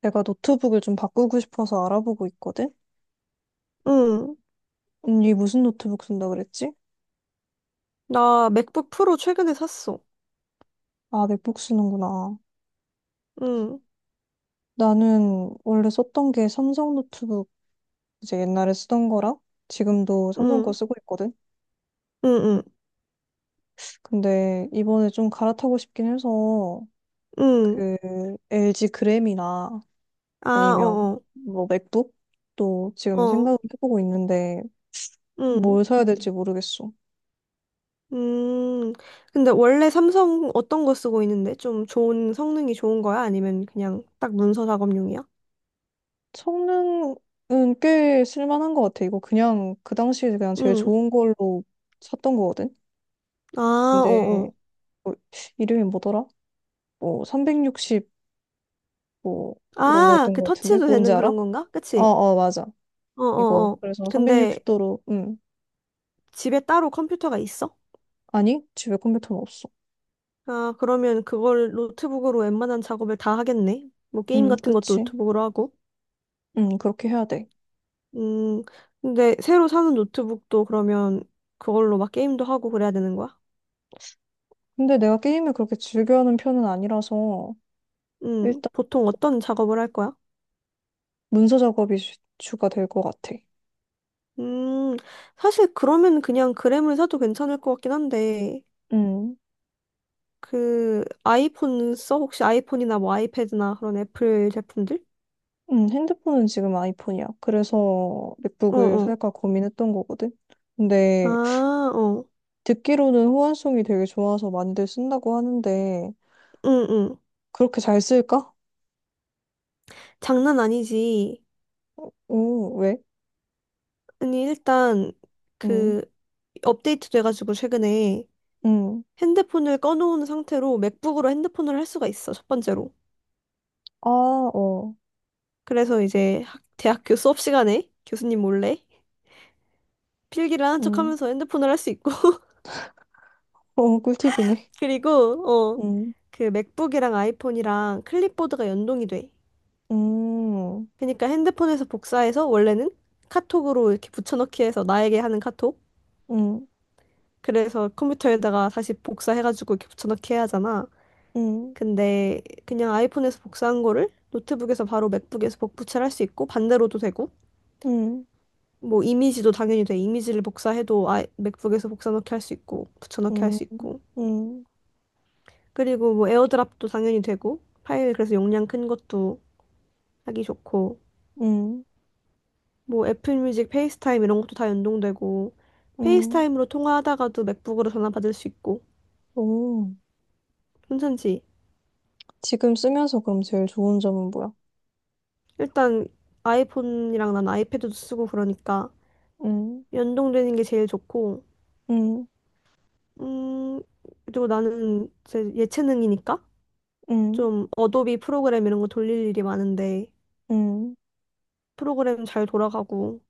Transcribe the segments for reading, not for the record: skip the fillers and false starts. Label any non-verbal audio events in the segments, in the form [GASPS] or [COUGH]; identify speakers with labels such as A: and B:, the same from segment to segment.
A: 내가 노트북을 좀 바꾸고 싶어서 알아보고 있거든?
B: 응.
A: 언니 무슨 노트북 쓴다 그랬지?
B: 나 맥북 프로 최근에 샀어.
A: 아, 맥북 쓰는구나.
B: 응,
A: 나는 원래 썼던 게 삼성 노트북, 이제 옛날에 쓰던 거랑 지금도 삼성 거
B: 응,
A: 쓰고 있거든?
B: 응, 응,
A: 근데 이번에 좀 갈아타고 싶긴 해서
B: 응.
A: 그 LG 그램이나
B: 아,
A: 아니면
B: 어,
A: 뭐 맥북? 또
B: 어,
A: 지금
B: 어,
A: 생각을 해보고 있는데
B: 응.
A: 뭘 사야 될지 모르겠어.
B: 음. 근데 원래 삼성 어떤 거 쓰고 있는데? 좀 좋은 성능이 좋은 거야? 아니면 그냥 딱 문서 작업용이야?
A: 성능은 꽤 쓸만한 것 같아. 이거 그냥 그 당시에 그냥 제일
B: 응.
A: 좋은 걸로 샀던 거거든.
B: 아,
A: 근데
B: 어, 어.
A: 뭐 이름이 뭐더라? 뭐 360 뭐 이런
B: 아,
A: 거였던
B: 그
A: 것 같은데
B: 터치도
A: 뭔지
B: 되는
A: 알아?
B: 그런 건가?
A: 어,
B: 그치?
A: 어, 맞아.
B: 어,
A: 이거
B: 어, 어.
A: 그래서
B: 근데
A: 360도로 음,
B: 집에 따로 컴퓨터가 있어?
A: 아니 집에 컴퓨터는 없어.
B: 아, 그러면 그걸 노트북으로 웬만한 작업을 다 하겠네. 뭐 게임
A: 음,
B: 같은 것도
A: 그치.
B: 노트북으로 하고.
A: 음, 그렇게 해야 돼.
B: 음, 근데 새로 사는 노트북도 그러면 그걸로 막 게임도 하고 그래야 되는 거야?
A: 근데 내가 게임을 그렇게 즐겨하는 편은 아니라서. 일단
B: 보통 어떤 작업을 할 거야?
A: 문서 작업이 주가 될 것 같아,
B: 음, 사실 그러면 그냥 그램을 사도 괜찮을 것 같긴 한데,
A: 응.
B: 아이폰 써? 혹시 아이폰이나 뭐 아이패드나 그런 애플 제품들?
A: 핸드폰은 지금 아이폰이야. 그래서
B: 어,
A: 맥북을
B: 어.
A: 살까 고민했던 거거든. 근데
B: 아, 어.
A: 듣기로는 호환성이 되게 좋아서 많이들 쓴다고 하는데
B: 응, 응.
A: 그렇게 잘 쓸까?
B: 장난 아니지.
A: 오, 왜?
B: 아니, 일단,
A: 음,
B: 그, 업데이트 돼가지고 최근에
A: 음,
B: 핸드폰을 꺼놓은 상태로 맥북으로 핸드폰을 할 수가 있어, 첫 번째로.
A: 아, 어,
B: 그래서 이제 대학교 수업 시간에 교수님 몰래 필기를 하는
A: 음,
B: 척하면서 핸드폰을 할 수 있고 [LAUGHS]
A: [LAUGHS] 어, 꿀팁이네.
B: 그리고
A: 음,
B: 맥북이랑 아이폰이랑 클립보드가 연동이 돼.
A: 음,
B: 그러니까 핸드폰에서 복사해서 원래는 카톡으로 이렇게 붙여넣기 해서 나에게 하는 카톡.
A: 음,
B: 그래서 컴퓨터에다가 다시 복사해가지고 이렇게 붙여넣기 해야 하잖아.
A: 음,
B: 근데 그냥 아이폰에서 복사한 거를 노트북에서 바로 맥북에서 복붙을 할 수 있고 반대로도 되고
A: 음,
B: 뭐 이미지도 당연히 돼. 이미지를 복사해도 아, 맥북에서 복사넣기 할 수 있고 붙여넣기 할
A: 음,
B: 수
A: 음,
B: 있고
A: 음,
B: 그리고 뭐 에어드랍도 당연히 되고 파일 그래서 용량 큰 것도 하기 좋고
A: 음,
B: 뭐 애플뮤직, 페이스타임 이런 것도 다 연동되고
A: 음.
B: 페이스타임으로 통화하다가도 맥북으로 전화 받을 수 있고
A: 오.
B: 괜찮지?
A: 지금 쓰면서 그럼 제일 좋은 점은 뭐야?
B: 일단 아이폰이랑 난 아이패드도 쓰고 그러니까
A: 음,
B: 연동되는 게 제일 좋고
A: 음,
B: 음 그리고 나는 제 예체능이니까
A: 음,
B: 좀 어도비 프로그램 이런 거 돌릴 일이 많은데
A: 음.
B: 프로그램 잘 돌아가고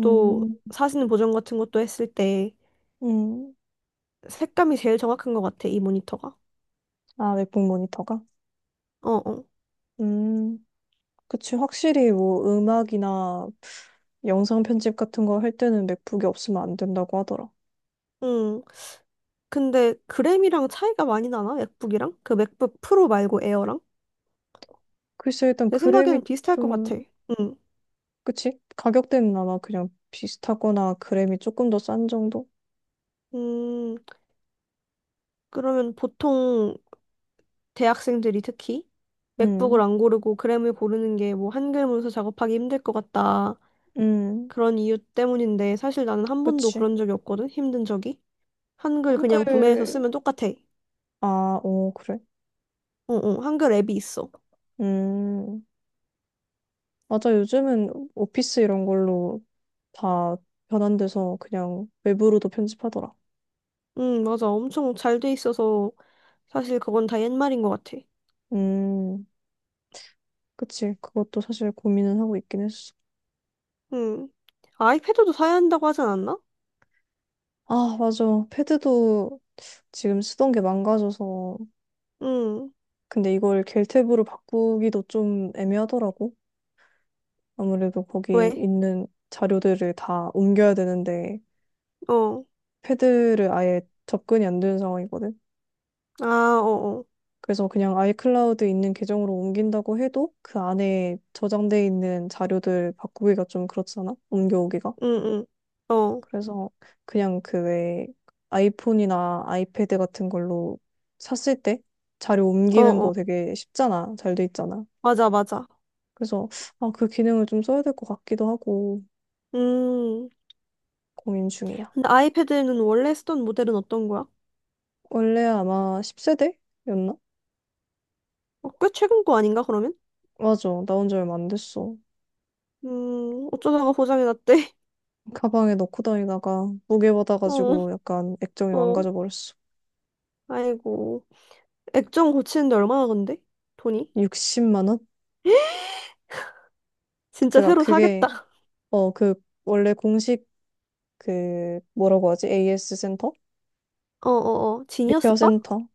B: 또 사진 보정 같은 것도 했을 때
A: 음,
B: 색감이 제일 정확한 것 같아, 이 모니터가.
A: 아, 맥북 모니터가?
B: 어, 어.
A: 음, 그치. 확실히 뭐 음악이나 영상 편집 같은 거 할 때는 맥북이 없으면 안 된다고 하더라.
B: 응. 근데 그램이랑 차이가 많이 나나? 맥북이랑? 그 맥북 프로 말고 에어랑?
A: 글쎄, 일단
B: 내
A: 그램이
B: 생각에는 비슷할 것
A: 좀,
B: 같아. 응.
A: 그치? 가격대는 아마 그냥 비슷하거나 그램이 조금 더 싼 정도?
B: 음, 그러면 보통 대학생들이 특히 맥북을
A: 음,
B: 안 고르고 그램을 고르는 게 뭐 한글 문서 작업하기 힘들 것 같다.
A: 음,
B: 그런 이유 때문인데 사실 나는 한 번도
A: 그치.
B: 그런 적이 없거든, 힘든 적이. 한글 그냥
A: 한글,
B: 구매해서 쓰면 똑같아.
A: 아, 오, 그래.
B: 어, 어, 한글 앱이 있어.
A: 음, 맞아. 요즘은 오피스 이런 걸로 다 변환돼서 그냥 웹으로도 편집하더라.
B: 응, 맞아. 엄청 잘 돼 있어서 사실 그건 다 옛말인 것 같아.
A: 음. 그치. 그것도 사실 고민은 하고 있긴 했어.
B: 응. 아이패드도 사야 한다고 하지 않았나?
A: 아, 맞아. 패드도 지금 쓰던 게 망가져서.
B: 응.
A: 근데 이걸 겔탭으로 바꾸기도 좀 애매하더라고. 아무래도 거기
B: 왜?
A: 있는 자료들을 다 옮겨야 되는데,
B: 어.
A: 패드를 아예 접근이 안 되는 상황이거든.
B: 아, 어, 어.
A: 그래서 그냥 아이클라우드 있는 계정으로 옮긴다고 해도 그 안에 저장돼 있는 자료들 바꾸기가 좀 그렇잖아. 옮겨오기가.
B: 응, 응. 어,
A: 그래서 그냥 그 왜 아이폰이나 아이패드 같은 걸로 샀을 때 자료
B: 어,
A: 옮기는
B: 어.
A: 거 되게 쉽잖아. 잘 돼 있잖아.
B: 맞아, 맞아.
A: 그래서 아, 그 기능을 좀 써야 될 것 같기도 하고
B: 음.
A: 고민 중이야.
B: 근데 아이패드는 원래 쓰던 모델은 어떤 거야?
A: 원래 아마 10세대였나?
B: 어, 꽤 최근 거 아닌가, 그러면?
A: 맞아. 나온 지 얼마 안 됐어.
B: 어쩌다가 고장이 났대.
A: 가방에 넣고 다니다가 무게
B: [LAUGHS] 어,
A: 받아가지고 약간 액정이
B: 어.
A: 망가져 버렸어.
B: 아이고. 액정 고치는데 얼마나 건데? 돈이?
A: 60만 원?
B: [GASPS] 진짜
A: 그니까
B: 새로
A: 그게
B: 사겠다. [LAUGHS]
A: 어 그 원래 공식 그 뭐라고 하지? AS 센터?
B: 어어어. 지니어스
A: 리페어
B: 바?
A: 센터?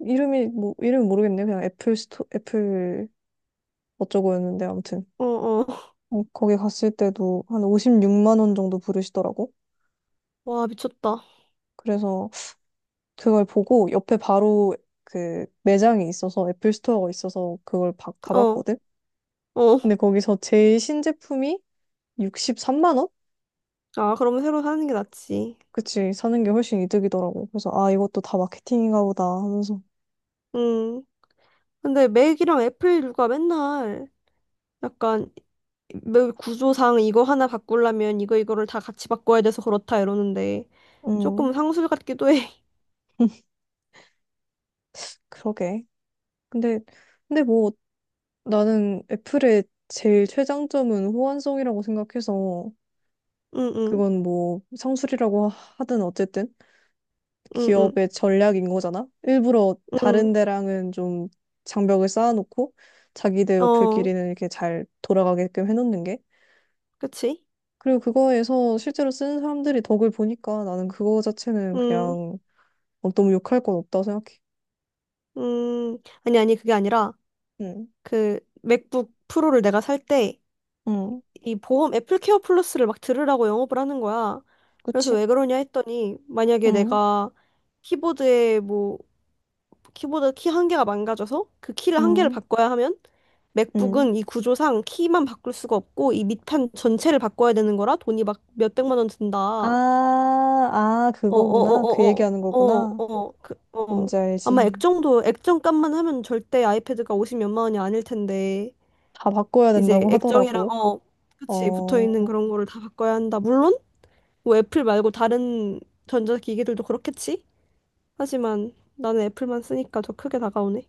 A: 이름이 뭐 이름 모르겠네. 요 그냥 애플 스토 애플 어쩌고였는데 아무튼
B: 어, 어.
A: 어, 거기 갔을 때도 한 56만 원 정도 부르시더라고.
B: 와, 미쳤다.
A: 그래서 그걸 보고 옆에 바로 그 매장이 있어서 애플 스토어가 있어서
B: 어,
A: 가봤거든.
B: 어.
A: 근데 거기서 제일 신제품이 63만 원?
B: 아, 그러면 새로 사는 게 낫지.
A: 그치, 사는 게 훨씬 이득이더라고. 그래서 아 이것도 다 마케팅인가 보다 하면서
B: 음. 근데 맥이랑 애플 누가 맨날 약간 맥 구조상 이거 하나 바꾸려면 이거를 다 같이 바꿔야 돼서 그렇다 이러는데
A: 음,
B: 조금 상술 같기도 해. [LAUGHS]
A: [LAUGHS] 그러게. 근데 근데 뭐 나는 애플의 제일 최장점은 호환성이라고 생각해서
B: 응, 응,
A: 그건 뭐 상술이라고 하든 어쨌든
B: 응, 응,
A: 기업의 전략인 거잖아. 일부러 다른 데랑은 좀 장벽을 쌓아놓고 자기들
B: 응. 어,
A: 어플끼리는 이렇게 잘 돌아가게끔 해놓는 게.
B: 그치?
A: 그리고 그거에서 실제로 쓰는 사람들이 덕을 보니까 나는 그거 자체는
B: 응,
A: 그냥 어, 너무 욕할 건 없다고 생각해.
B: 음, 음. 아니, 아니, 그게 아니라
A: 응,
B: 그 맥북 프로를 내가 살때
A: 응,
B: 이 보험 애플케어 플러스를 막 들으라고 영업을 하는 거야. 그래서
A: 그치?
B: 왜 그러냐 했더니 만약에
A: 응,
B: 내가 키보드에 뭐 키보드 키 한 개가 망가져서 그 키를 한 개를
A: 응,
B: 바꿔야 하면
A: 응.
B: 맥북은 이 구조상 키만 바꿀 수가 없고 이 밑판 전체를 바꿔야 되는 거라 돈이 막 몇백만 원 든다.
A: 아,
B: 어,
A: 아,
B: 어, 어,
A: 그거구나. 그
B: 어,
A: 얘기하는
B: 어, 어,
A: 거구나.
B: 어, 그, 어.
A: 뭔지
B: 아마
A: 알지.
B: 액정도 액정값만 하면 절대 아이패드가 50 몇만 원이 아닐 텐데
A: 다 바꿔야
B: 이제
A: 된다고
B: 액정이랑
A: 하더라고.
B: 어, 그치 붙어 있는
A: 어,
B: 그런 거를 다 바꿔야 한다. 물론 뭐 애플 말고 다른 전자기기들도 그렇겠지? 하지만 나는 애플만 쓰니까 더 크게 다가오네.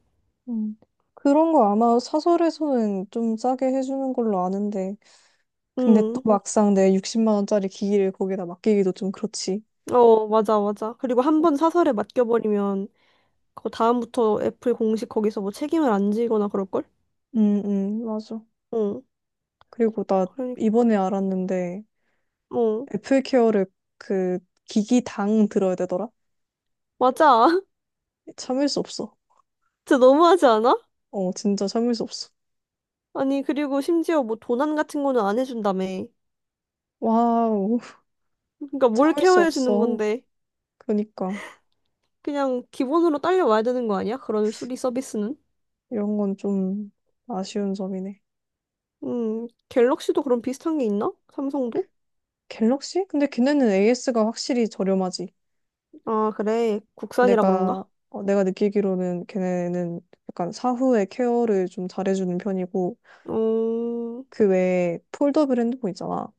A: 음. 그런 거 아마 사설에서는 좀 싸게 해주는 걸로 아는데. 근데 또
B: 음,
A: 막상 내 60만 원짜리 기기를 거기다 맡기기도 좀 그렇지.
B: 어, 맞아, 맞아. 그리고 한 번 사설에 맡겨버리면 그 다음부터 애플 공식 거기서 뭐 책임을 안 지거나 그럴걸?
A: 응, 응, 맞아.
B: 어,
A: 그리고 나
B: 그러니까,
A: 이번에 알았는데
B: 어,
A: 애플 케어를 그 기기당 들어야 되더라?
B: 맞아. [LAUGHS]
A: 참을 수 없어.
B: 진짜 너무하지 않아?
A: 어, 진짜 참을 수 없어.
B: 아니, 그리고 심지어 뭐 도난 같은 거는 안 해준다며.
A: 와우, [LAUGHS]
B: 그러니까 뭘
A: 참을 수
B: 케어해 주는
A: 없어.
B: 건데.
A: 그러니까
B: 그냥 기본으로 딸려와야 되는 거 아니야? 그런 수리 서비스는?
A: 이런 건 좀 아쉬운 점이네.
B: 갤럭시도 그런 비슷한 게 있나? 삼성도?
A: 갤럭시? 근데 걔네는 AS가 확실히 저렴하지.
B: 아, 그래. 국산이라
A: 내가,
B: 그런가?
A: 어, 내가 느끼기로는 걔네는 약간 사후에 케어를 좀 잘해주는 편이고,
B: 음,
A: 그 외에 폴더블 핸드폰 있잖아.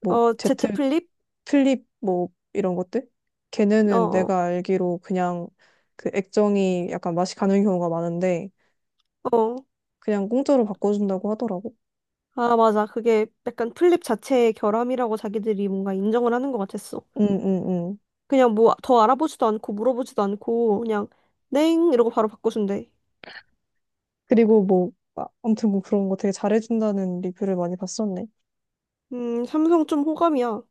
A: 뭐,
B: 어,
A: Z
B: 제트 플립?
A: 플립, 뭐, 이런 것들?
B: 어,
A: 걔네는
B: 어,
A: 내가 알기로 그냥 그 액정이 약간 맛이 가는 경우가 많은데,
B: 어.
A: 그냥 공짜로 바꿔준다고 하더라고.
B: 아, 맞아. 그게 약간 플립 자체의 결함이라고 자기들이 뭔가 인정을 하는 것 같았어.
A: 응, 응, 응.
B: 그냥 뭐 더 알아보지도 않고 물어보지도 않고 그냥 냉 이러고 바로 바꿔준대.
A: 그리고 뭐, 아, 아무튼 뭐 그런 거 되게 잘해준다는 리뷰를 많이 봤었네.
B: 삼성 좀 호감이야.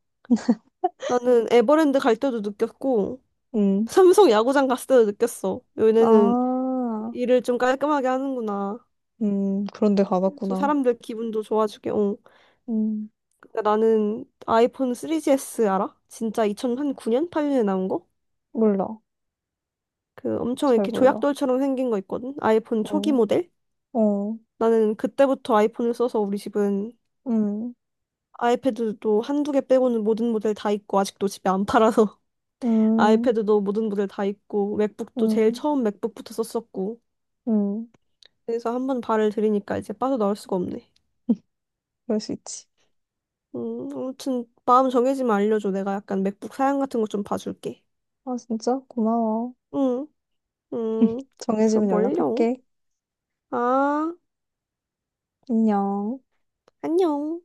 B: 나는 에버랜드 갈 때도 느꼈고
A: 응.
B: 삼성 야구장 갔을 때도 느꼈어. 얘네는
A: 아.
B: 일을 좀 깔끔하게 하는구나.
A: 그런데
B: 좀
A: 가봤구나.
B: 사람들 기분도 좋아지게. 어.
A: 음,
B: 근데 나는 아이폰 3GS 알아? 진짜 2009년? 8년에 나온 거?
A: 몰라.
B: 그 엄청
A: 잘
B: 이렇게
A: 몰라.
B: 조약돌처럼 생긴 거 있거든? 아이폰 초기
A: 어,
B: 모델?
A: 어,
B: 나는 그때부터 아이폰을 써서 우리 집은
A: 음,
B: 아이패드도 한두 개 빼고는 모든 모델 다 있고 아직도 집에 안 팔아서 [LAUGHS]
A: 음,
B: 아이패드도 모든 모델 다 있고 맥북도 제일
A: 음,
B: 처음 맥북부터 썼었고
A: 음.
B: 그래서 한번 발을 들이니까 이제 빠져나올 수가 없네.
A: [LAUGHS] 그럴 수 있지.
B: 아무튼 마음 정해지면 알려줘. 내가 약간 맥북 사양 같은 거 좀 봐줄게.
A: 아, 진짜? 고마워.
B: 응, 응
A: [LAUGHS]
B: 별
A: 정해지면
B: 멀려.
A: 연락할게.
B: 아.
A: 안녕.
B: 안녕.